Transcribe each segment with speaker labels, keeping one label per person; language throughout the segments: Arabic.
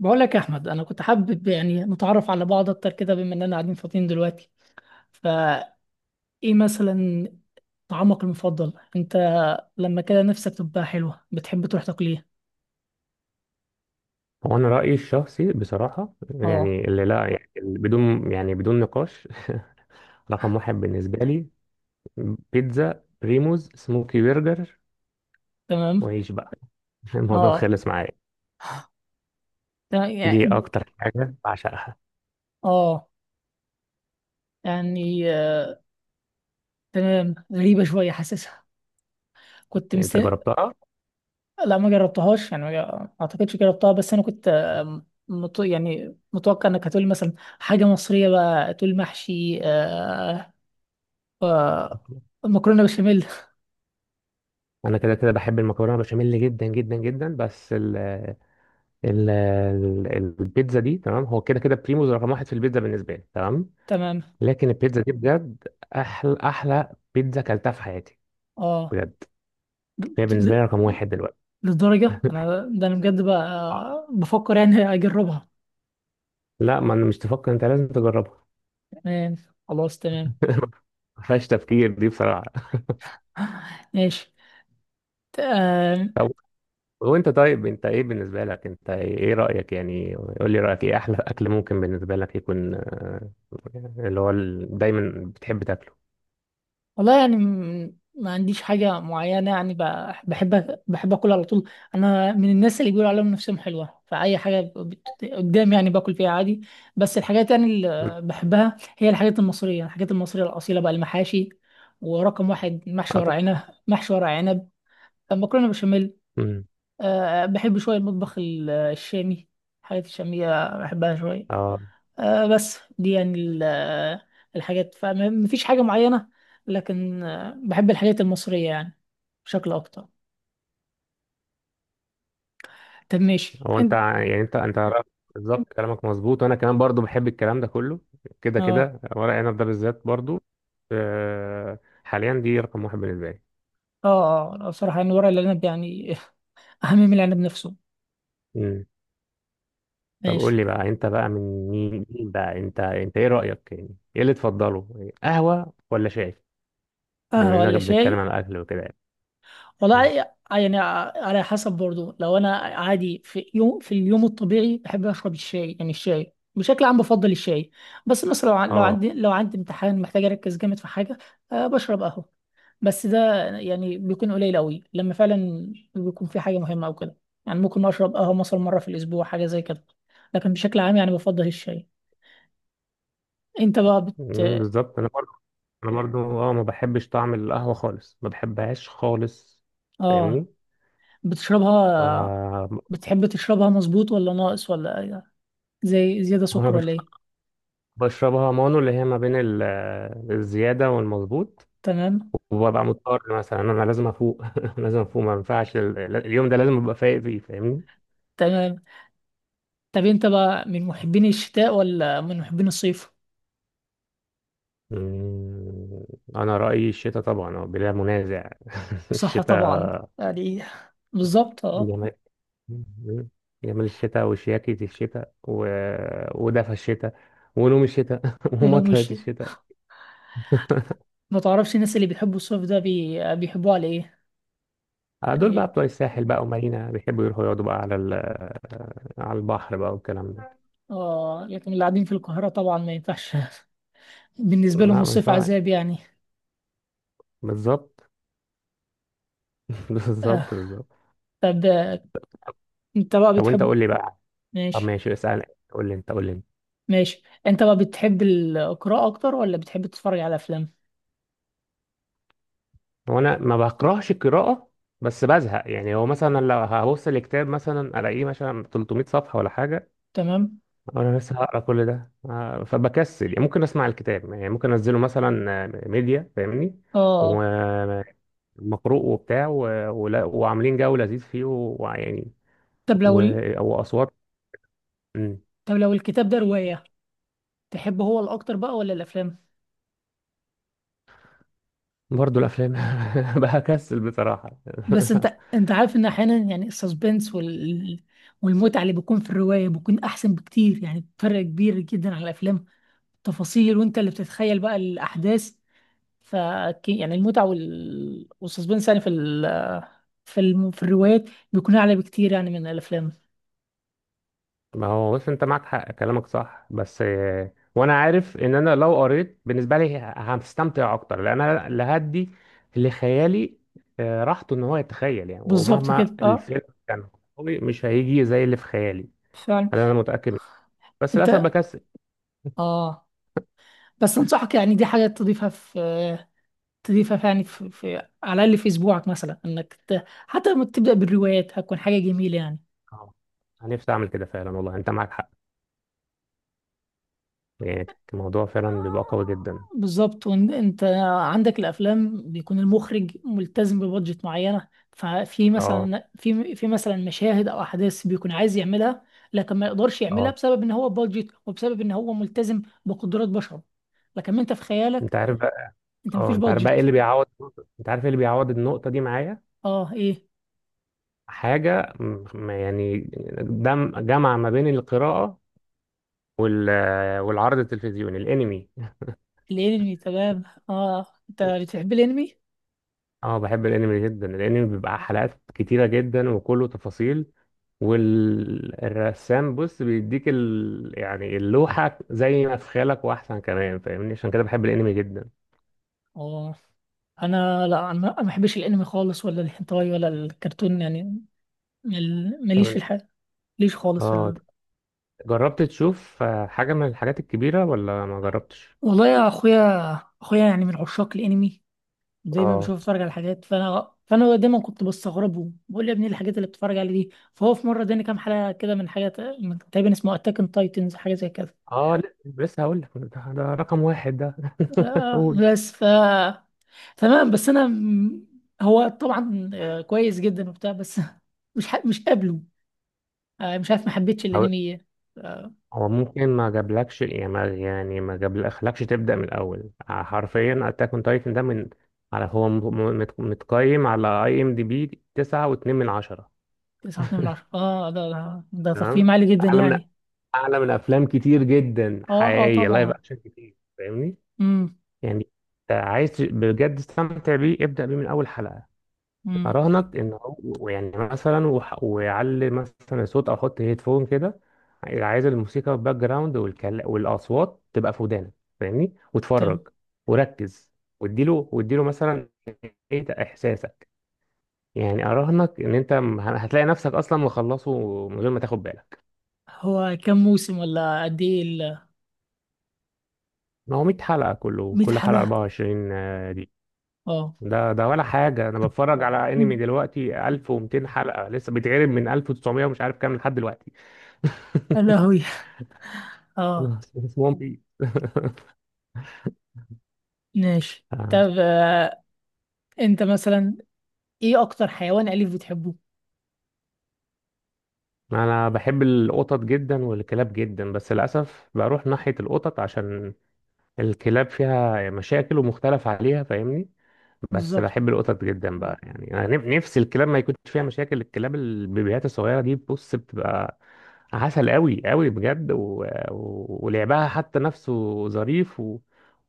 Speaker 1: بقول لك يا احمد، انا كنت حابب يعني نتعرف على بعض اكتر كده بما اننا قاعدين فاضيين دلوقتي. فايه مثلا طعامك المفضل انت؟ لما كده نفسك تبقى حلوه بتحب تروح تاكل ايه؟
Speaker 2: هو انا رايي الشخصي بصراحه،
Speaker 1: اه.
Speaker 2: يعني اللي لا مم. يعني اللي بدون نقاش. رقم واحد بالنسبه لي بيتزا بريموز سموكي برجر
Speaker 1: تمام.
Speaker 2: وعيش بقى. الموضوع
Speaker 1: اه،
Speaker 2: خلص معايا،
Speaker 1: تمام
Speaker 2: دي
Speaker 1: يعني.
Speaker 2: اكتر حاجه بعشقها.
Speaker 1: اه، يعني تمام، غريبه شويه حاسسها. كنت
Speaker 2: يعني
Speaker 1: مس...
Speaker 2: انت جربتها؟
Speaker 1: لا، ما جربتهاش يعني، ما اعتقدش جربتها، بس انا كنت يعني متوقع انك هتقولي مثلا حاجه مصريه، بقى تقول محشي مكرونه بشاميل.
Speaker 2: انا كده كده بحب المكرونه بشاميل جدا جدا جدا، بس ال ال- البيتزا دي تمام، هو كده كده بريموز رقم واحد في البيتزا بالنسبه لي تمام.
Speaker 1: تمام.
Speaker 2: لكن البيتزا دي بجد احلى بيتزا كلتها في حياتي،
Speaker 1: اه.
Speaker 2: بجد. هي
Speaker 1: د-
Speaker 2: بالنسبه
Speaker 1: ل-
Speaker 2: لي رقم واحد دلوقتي.
Speaker 1: للدرجه انا ده انا بجد بقى
Speaker 2: آه.
Speaker 1: بفكر يعني اجربها.
Speaker 2: لا، ما انا مش تفكر، انت لازم تجربها.
Speaker 1: تمام. خلاص، تمام.
Speaker 2: ما فيهاش تفكير دي بصراحة.
Speaker 1: ماشي. ت- آم،
Speaker 2: طب وانت طيب، انت ايه بالنسبة لك؟ انت ايه رأيك؟ يعني قول لي رأيك ايه احلى اكل ممكن بالنسبة لك يكون، اللي هو دايما بتحب تاكله.
Speaker 1: والله يعني ما عنديش حاجه معينه يعني، بحب اكل على طول. انا من الناس اللي بيقولوا عليهم نفسهم حلوه، فاي حاجه قدام يعني باكل فيها عادي. بس الحاجات يعني
Speaker 2: مم.
Speaker 1: اللي بحبها هي الحاجات المصريه، الحاجات المصريه الاصيله بقى، المحاشي. ورقم واحد محشي
Speaker 2: اه
Speaker 1: ورق
Speaker 2: طبعا.
Speaker 1: عنب. محشي ورق عنب، مكرونه بشاميل.
Speaker 2: مم.
Speaker 1: أه، بحب شويه المطبخ الشامي، الحاجات الشاميه بحبها شويه.
Speaker 2: اه.
Speaker 1: أه بس دي يعني الحاجات مفيش حاجه معينه. لكن بحب الحاجات المصريه يعني بشكل اكتر. طب ماشي
Speaker 2: هو انت
Speaker 1: انت.
Speaker 2: ع- يعني انت انت رأيك بالظبط، كلامك مظبوط، وانا كمان برضو بحب الكلام ده كله. كده
Speaker 1: اه،
Speaker 2: كده ورق عنب ده بالذات برضو. آه، حاليا دي رقم واحد بالنسبة
Speaker 1: اه، اه. بصراحه يعني ورق العنب يعني اهم من العنب نفسه.
Speaker 2: لي. طب
Speaker 1: ماشي.
Speaker 2: قول لي بقى، انت بقى من مين بقى؟ انت ايه رأيك؟ يعني ايه اللي تفضله، قهوة ولا شاي؟ بما
Speaker 1: قهوه ولا
Speaker 2: اننا
Speaker 1: شاي؟
Speaker 2: بنتكلم عن الاكل وكده يعني. مم.
Speaker 1: والله يعني على حسب برضه. لو انا عادي في يوم، في اليوم الطبيعي بحب اشرب الشاي، يعني الشاي بشكل عام بفضل الشاي. بس مثلا لو عن- لو
Speaker 2: اه.
Speaker 1: عندي لو عندي امتحان محتاج اركز جامد في حاجه، بشرب قهوه. بس ده يعني بيكون قليل قوي لما فعلا بيكون في حاجه مهمه او كده. يعني ممكن اشرب قهوه مثلا مره في الاسبوع، حاجه زي كده. لكن بشكل عام يعني بفضل الشاي. انت بقى
Speaker 2: مم،
Speaker 1: بت
Speaker 2: بالظبط. انا برضو اه ما بحبش طعم القهوة خالص، ما بحبهاش خالص،
Speaker 1: اه
Speaker 2: فاهمني؟
Speaker 1: بتشربها؟
Speaker 2: ف-
Speaker 1: بتحب تشربها مظبوط ولا ناقص؟ ولا زي زياده
Speaker 2: انا
Speaker 1: سكر ولا ايه؟
Speaker 2: بشربها مانو اللي هي ما بين الزيادة والمظبوط،
Speaker 1: تمام.
Speaker 2: وببقى مضطر مثلا. انا لازم افوق لازم افوق، ما ينفعش اليوم ده لازم ابقى فايق فيه، فاهمني؟
Speaker 1: تمام. طب انت بقى من محبين الشتاء ولا من محبين الصيف؟
Speaker 2: مم، أنا رأيي الشتاء طبعا، آه، بلا منازع.
Speaker 1: صح،
Speaker 2: الشتاء،
Speaker 1: طبعا، يعني بالظبط، اه.
Speaker 2: جمال، مم، جمال الشتاء وشياكة الشتاء ودفى الشتاء ونوم الشتاء
Speaker 1: انا
Speaker 2: ومطرة
Speaker 1: مش
Speaker 2: الشتاء.
Speaker 1: ما تعرفش الناس اللي بيحبوا الصيف ده بيحبوه على ايه؟
Speaker 2: آه، دول بقى
Speaker 1: يعني،
Speaker 2: بتوع الساحل بقى ومارينا، بيحبوا يروحوا يقعدوا بقى على على البحر بقى والكلام ده.
Speaker 1: اه. لكن اللي قاعدين في القاهرة طبعا ما ينفعش. بالنسبة لهم
Speaker 2: لا ما
Speaker 1: الصيف
Speaker 2: ينفعش،
Speaker 1: عذاب يعني.
Speaker 2: بالظبط.
Speaker 1: آه.
Speaker 2: بالظبط بالظبط
Speaker 1: طب آه، انت بقى
Speaker 2: طب وانت
Speaker 1: بتحب.
Speaker 2: قول لي بقى. طب
Speaker 1: ماشي.
Speaker 2: ماشي اسأل، قول لي انت، قول لي.
Speaker 1: ماشي، انت بقى بتحب القراءة اكتر ولا بتحب تتفرج على افلام؟
Speaker 2: هو انا ما بكرهش القراءه، بس بزهق. يعني هو مثلا لو هبص الكتاب مثلا الاقيه مثلا 300 صفحه ولا حاجه،
Speaker 1: تمام.
Speaker 2: وانا لسه هقرا كل ده، آه، فبكسل يعني. ممكن اسمع الكتاب، يعني ممكن انزله مثلا، آه، ميديا، فاهمني؟
Speaker 1: اه.
Speaker 2: ومقروء وبتاع وعاملين جو لذيذ فيه ويعني
Speaker 1: طب لو
Speaker 2: و...
Speaker 1: ال...
Speaker 2: واصوات. مم.
Speaker 1: طب لو الكتاب ده رواية تحب، هو الاكتر بقى ولا الافلام؟
Speaker 2: برضه الافلام. بكسل بصراحه.
Speaker 1: بس انت عارف ان احيانا، يعني السسبنس والمتعه اللي بيكون في الروايه بيكون احسن بكتير، يعني فرق كبير جدا على الافلام. تفاصيل وانت اللي بتتخيل بقى الاحداث. ف يعني المتعه والسسبنس يعني في ال... في الم... في الروايات بيكون اعلى بكتير يعني من الافلام.
Speaker 2: ما هو بص انت معاك حق، كلامك صح، بس آه، وانا عارف ان انا لو قريت بالنسبه لي هستمتع اكتر، لان انا اللي هدي لخيالي آه، راحته ان هو يتخيل يعني.
Speaker 1: بالظبط
Speaker 2: ومهما
Speaker 1: كده، اه.
Speaker 2: الفيلم كان قوي، مش هيجي زي اللي في خيالي،
Speaker 1: فعلا.
Speaker 2: هذا انا متاكد منه. بس للاسف
Speaker 1: انت
Speaker 2: بكسل.
Speaker 1: اه بس انصحك، يعني دي حاجه تضيفها في تضيفها في على الاقل في اسبوعك، مثلا انك حتى لما تبدا بالروايات هتكون حاجه جميله يعني.
Speaker 2: اه، انا نفسي اعمل كده فعلا، والله انت معاك حق، يعني الموضوع فعلا بيبقى قوي جدا.
Speaker 1: بالظبط. وانت عندك الافلام بيكون المخرج ملتزم ببادجت معينه، ففي
Speaker 2: اه
Speaker 1: مثلا في مثلا مشاهد او احداث بيكون عايز يعملها، لكن ما يقدرش يعملها
Speaker 2: اه،
Speaker 1: بسبب ان هو بادجت، وبسبب ان هو ملتزم بقدرات بشر. لكن انت في خيالك،
Speaker 2: انت عارف بقى.
Speaker 1: انت
Speaker 2: اه
Speaker 1: مفيش
Speaker 2: انت عارف بقى ايه
Speaker 1: بادجت.
Speaker 2: اللي بيعوض، انت عارف ايه اللي بيعوض النقطه دي معايا؟
Speaker 1: اه. ايه؟
Speaker 2: حاجة يعني دم جمع ما بين القراءة وال والعرض التلفزيوني، الانمي.
Speaker 1: الانمي، تمام. اه انت بتحب الانمي.
Speaker 2: اه بحب الانمي جدا. الانمي بيبقى حلقات كتيرة جدا وكله تفاصيل، والرسام بص بيديك يعني اللوحة زي ما في خيالك واحسن كمان، فاهمني؟ عشان كده بحب الانمي جدا.
Speaker 1: اه، انا لا، انا ما بحبش الانمي خالص، ولا الهنتاي ولا الكرتون يعني. ماليش في
Speaker 2: طب-
Speaker 1: الحاجه، ماليش خالص.
Speaker 2: اه، جربت تشوف، آه، حاجة من الحاجات الكبيرة ولا ما جربتش؟
Speaker 1: والله يا اخويا، اخويا يعني من عشاق الانمي. دايما
Speaker 2: اه
Speaker 1: بشوف، اتفرج على حاجات. فانا دايما كنت بستغربه، بقول يا ابني إيه الحاجات اللي بتتفرج عليها دي. فهو في مره اداني كام حلقه كده من حاجه، تقريبا اسمه اتاك اون تايتنز، حاجه زي كده.
Speaker 2: اه لا، لسه هقول لك، ده، ده رقم واحد ده. قول.
Speaker 1: بس تمام. بس انا هو طبعا كويس جدا وبتاع، بس مش قابله. مش عارف، ما حبيتش الانمي. آه،
Speaker 2: هو ممكن ما جابلكش، يعني ما، يعني ما جابلكش تبدأ من الأول. حرفيا أتاك أون تايتن ده من، على، هو م- م- مت- متقيم على أي إم دي بي تسعة واتنين من عشرة.
Speaker 1: 9.2 من 10. اه، ده
Speaker 2: تمام.
Speaker 1: تقييم عالي جدا
Speaker 2: أعلى من،
Speaker 1: يعني.
Speaker 2: أعلى من أفلام كتير جدا
Speaker 1: اه، اه،
Speaker 2: حقيقية، لايف
Speaker 1: طبعا.
Speaker 2: أكشن كتير، فاهمني؟
Speaker 1: امم
Speaker 2: يعني أنت عايز بجد تستمتع بيه، ابدأ بيه من أول حلقة.
Speaker 1: امم
Speaker 2: اراهنك ان هو يعني مثلا ويعلي مثلا الصوت، او احط هيدفون كده، عايز الموسيقى باك جراوند والاصوات تبقى في ودانك، فاهمني؟ وتفرج وركز، واديله، واديله مثلا ايه ده احساسك. يعني اراهنك ان انت هتلاقي نفسك اصلا مخلصه من غير ما تاخد بالك.
Speaker 1: هو كم موسم، ولا قد ايه
Speaker 2: ما هو 100 حلقة كله،
Speaker 1: 100
Speaker 2: كل حلقة
Speaker 1: حلقة؟
Speaker 2: 24 دي.
Speaker 1: اه.
Speaker 2: ده ولا حاجة، انا بتفرج على انمي دلوقتي 1200 حلقة لسه بيتعرض من 1900 ومش عارف كام لحد دلوقتي.
Speaker 1: يا لهوي. اه،
Speaker 2: انا اسمهم بي.
Speaker 1: ماشي. طب انت مثلا، ايه اكتر حيوان اليف بتحبه؟
Speaker 2: انا بحب القطط جدا والكلاب جدا، بس للاسف بروح ناحيه القطط عشان الكلاب فيها مشاكل ومختلف عليها، فاهمني؟ بس
Speaker 1: بالظبط،
Speaker 2: بحب القطط جدا بقى. يعني انا نفسي الكلاب ما يكونش فيها مشاكل. الكلاب البيبيات الصغيره دي بص بتبقى عسل قوي قوي بجد ولعبها حتى نفسه ظريف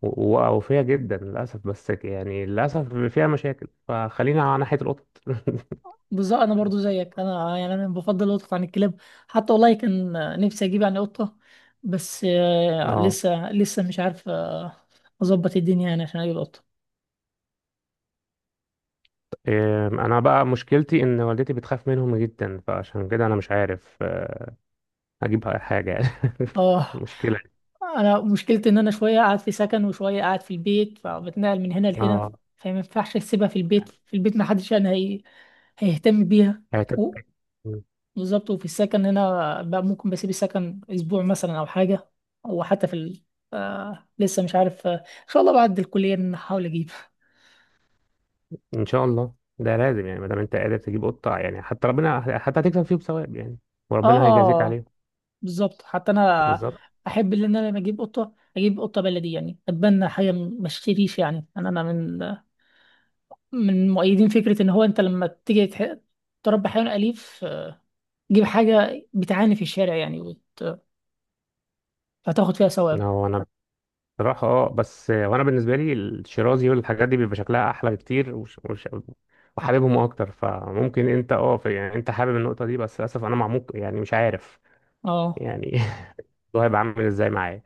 Speaker 2: و... ووفيه جدا، للاسف. بس يعني للاسف فيها مشاكل، فخلينا على ناحيه القطط.
Speaker 1: بالظبط، انا برضو زيك، انا يعني انا بفضل القطط عن الكلاب. حتى والله كان نفسي اجيب يعني قطة، بس
Speaker 2: اه.
Speaker 1: لسه لسه مش عارف اظبط الدنيا يعني عشان اجيب قطة.
Speaker 2: إيه، انا بقى مشكلتي ان والدتي بتخاف منهم جدا، فعشان كده انا مش عارف، آه، اجيب حاجه.
Speaker 1: اه.
Speaker 2: مشكله.
Speaker 1: انا مشكلتي ان انا شويه قاعد في سكن وشويه قاعد في البيت، فبتنقل من هنا لهنا
Speaker 2: اه.
Speaker 1: فما ينفعش اسيبها في البيت، في البيت ما حدش هيهتم بيها.
Speaker 2: هت-
Speaker 1: و- بالظبط. وفي السكن هنا بقى ممكن بسيب السكن اسبوع مثلا او حاجه، او حتى لسه مش عارف ان شاء الله بعد الكليه إن أنا احاول اجيب.
Speaker 2: ان شاء الله، ده لازم يعني. ما دام انت قادر تجيب قطه، يعني حتى ربنا، حتى هتكسب فيه بثواب يعني، وربنا هيجازيك
Speaker 1: اه،
Speaker 2: عليه.
Speaker 1: بالظبط. حتى انا
Speaker 2: بالظبط.
Speaker 1: احب ان انا لما اجيب قطه اجيب قطه بلدي يعني، اتبنى حاجه ما اشتريش يعني. انا من مؤيدين فكرة إن هو أنت لما تيجي تربي حيوان أليف، تجيب حاجة بتعاني في الشارع يعني، فتاخد فيها ثواب.
Speaker 2: هو انا بصراحه اه، بس آه، وانا بالنسبه لي الشيرازي والحاجات دي بيبقى شكلها احلى بكتير، وحاببهم اكتر. فممكن انت اه يعني انت حابب النقطه دي، بس للاسف انا معموق، يعني مش عارف
Speaker 1: اه.
Speaker 2: يعني. ده هيبقى عامل ازاي معايا.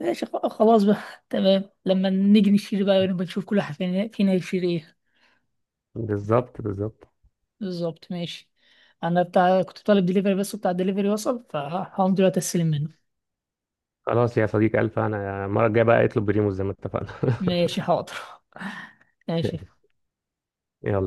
Speaker 1: ماشي. خلاص بقى. تمام، لما نيجي نشتري بقى ونبقى نشوف كل واحد فينا يشتري ايه.
Speaker 2: بالظبط، بالظبط.
Speaker 1: بالظبط، ماشي. أنا كنت طالب دليفري، بس بتاع الدليفري وصل، فهقوم دلوقتي أستلم منه.
Speaker 2: خلاص يا صديقي، ألف. أنا المرة الجاية بقى اطلب بريموس زي ما اتفقنا.
Speaker 1: ماشي، حاضر. ماشي.
Speaker 2: يلا.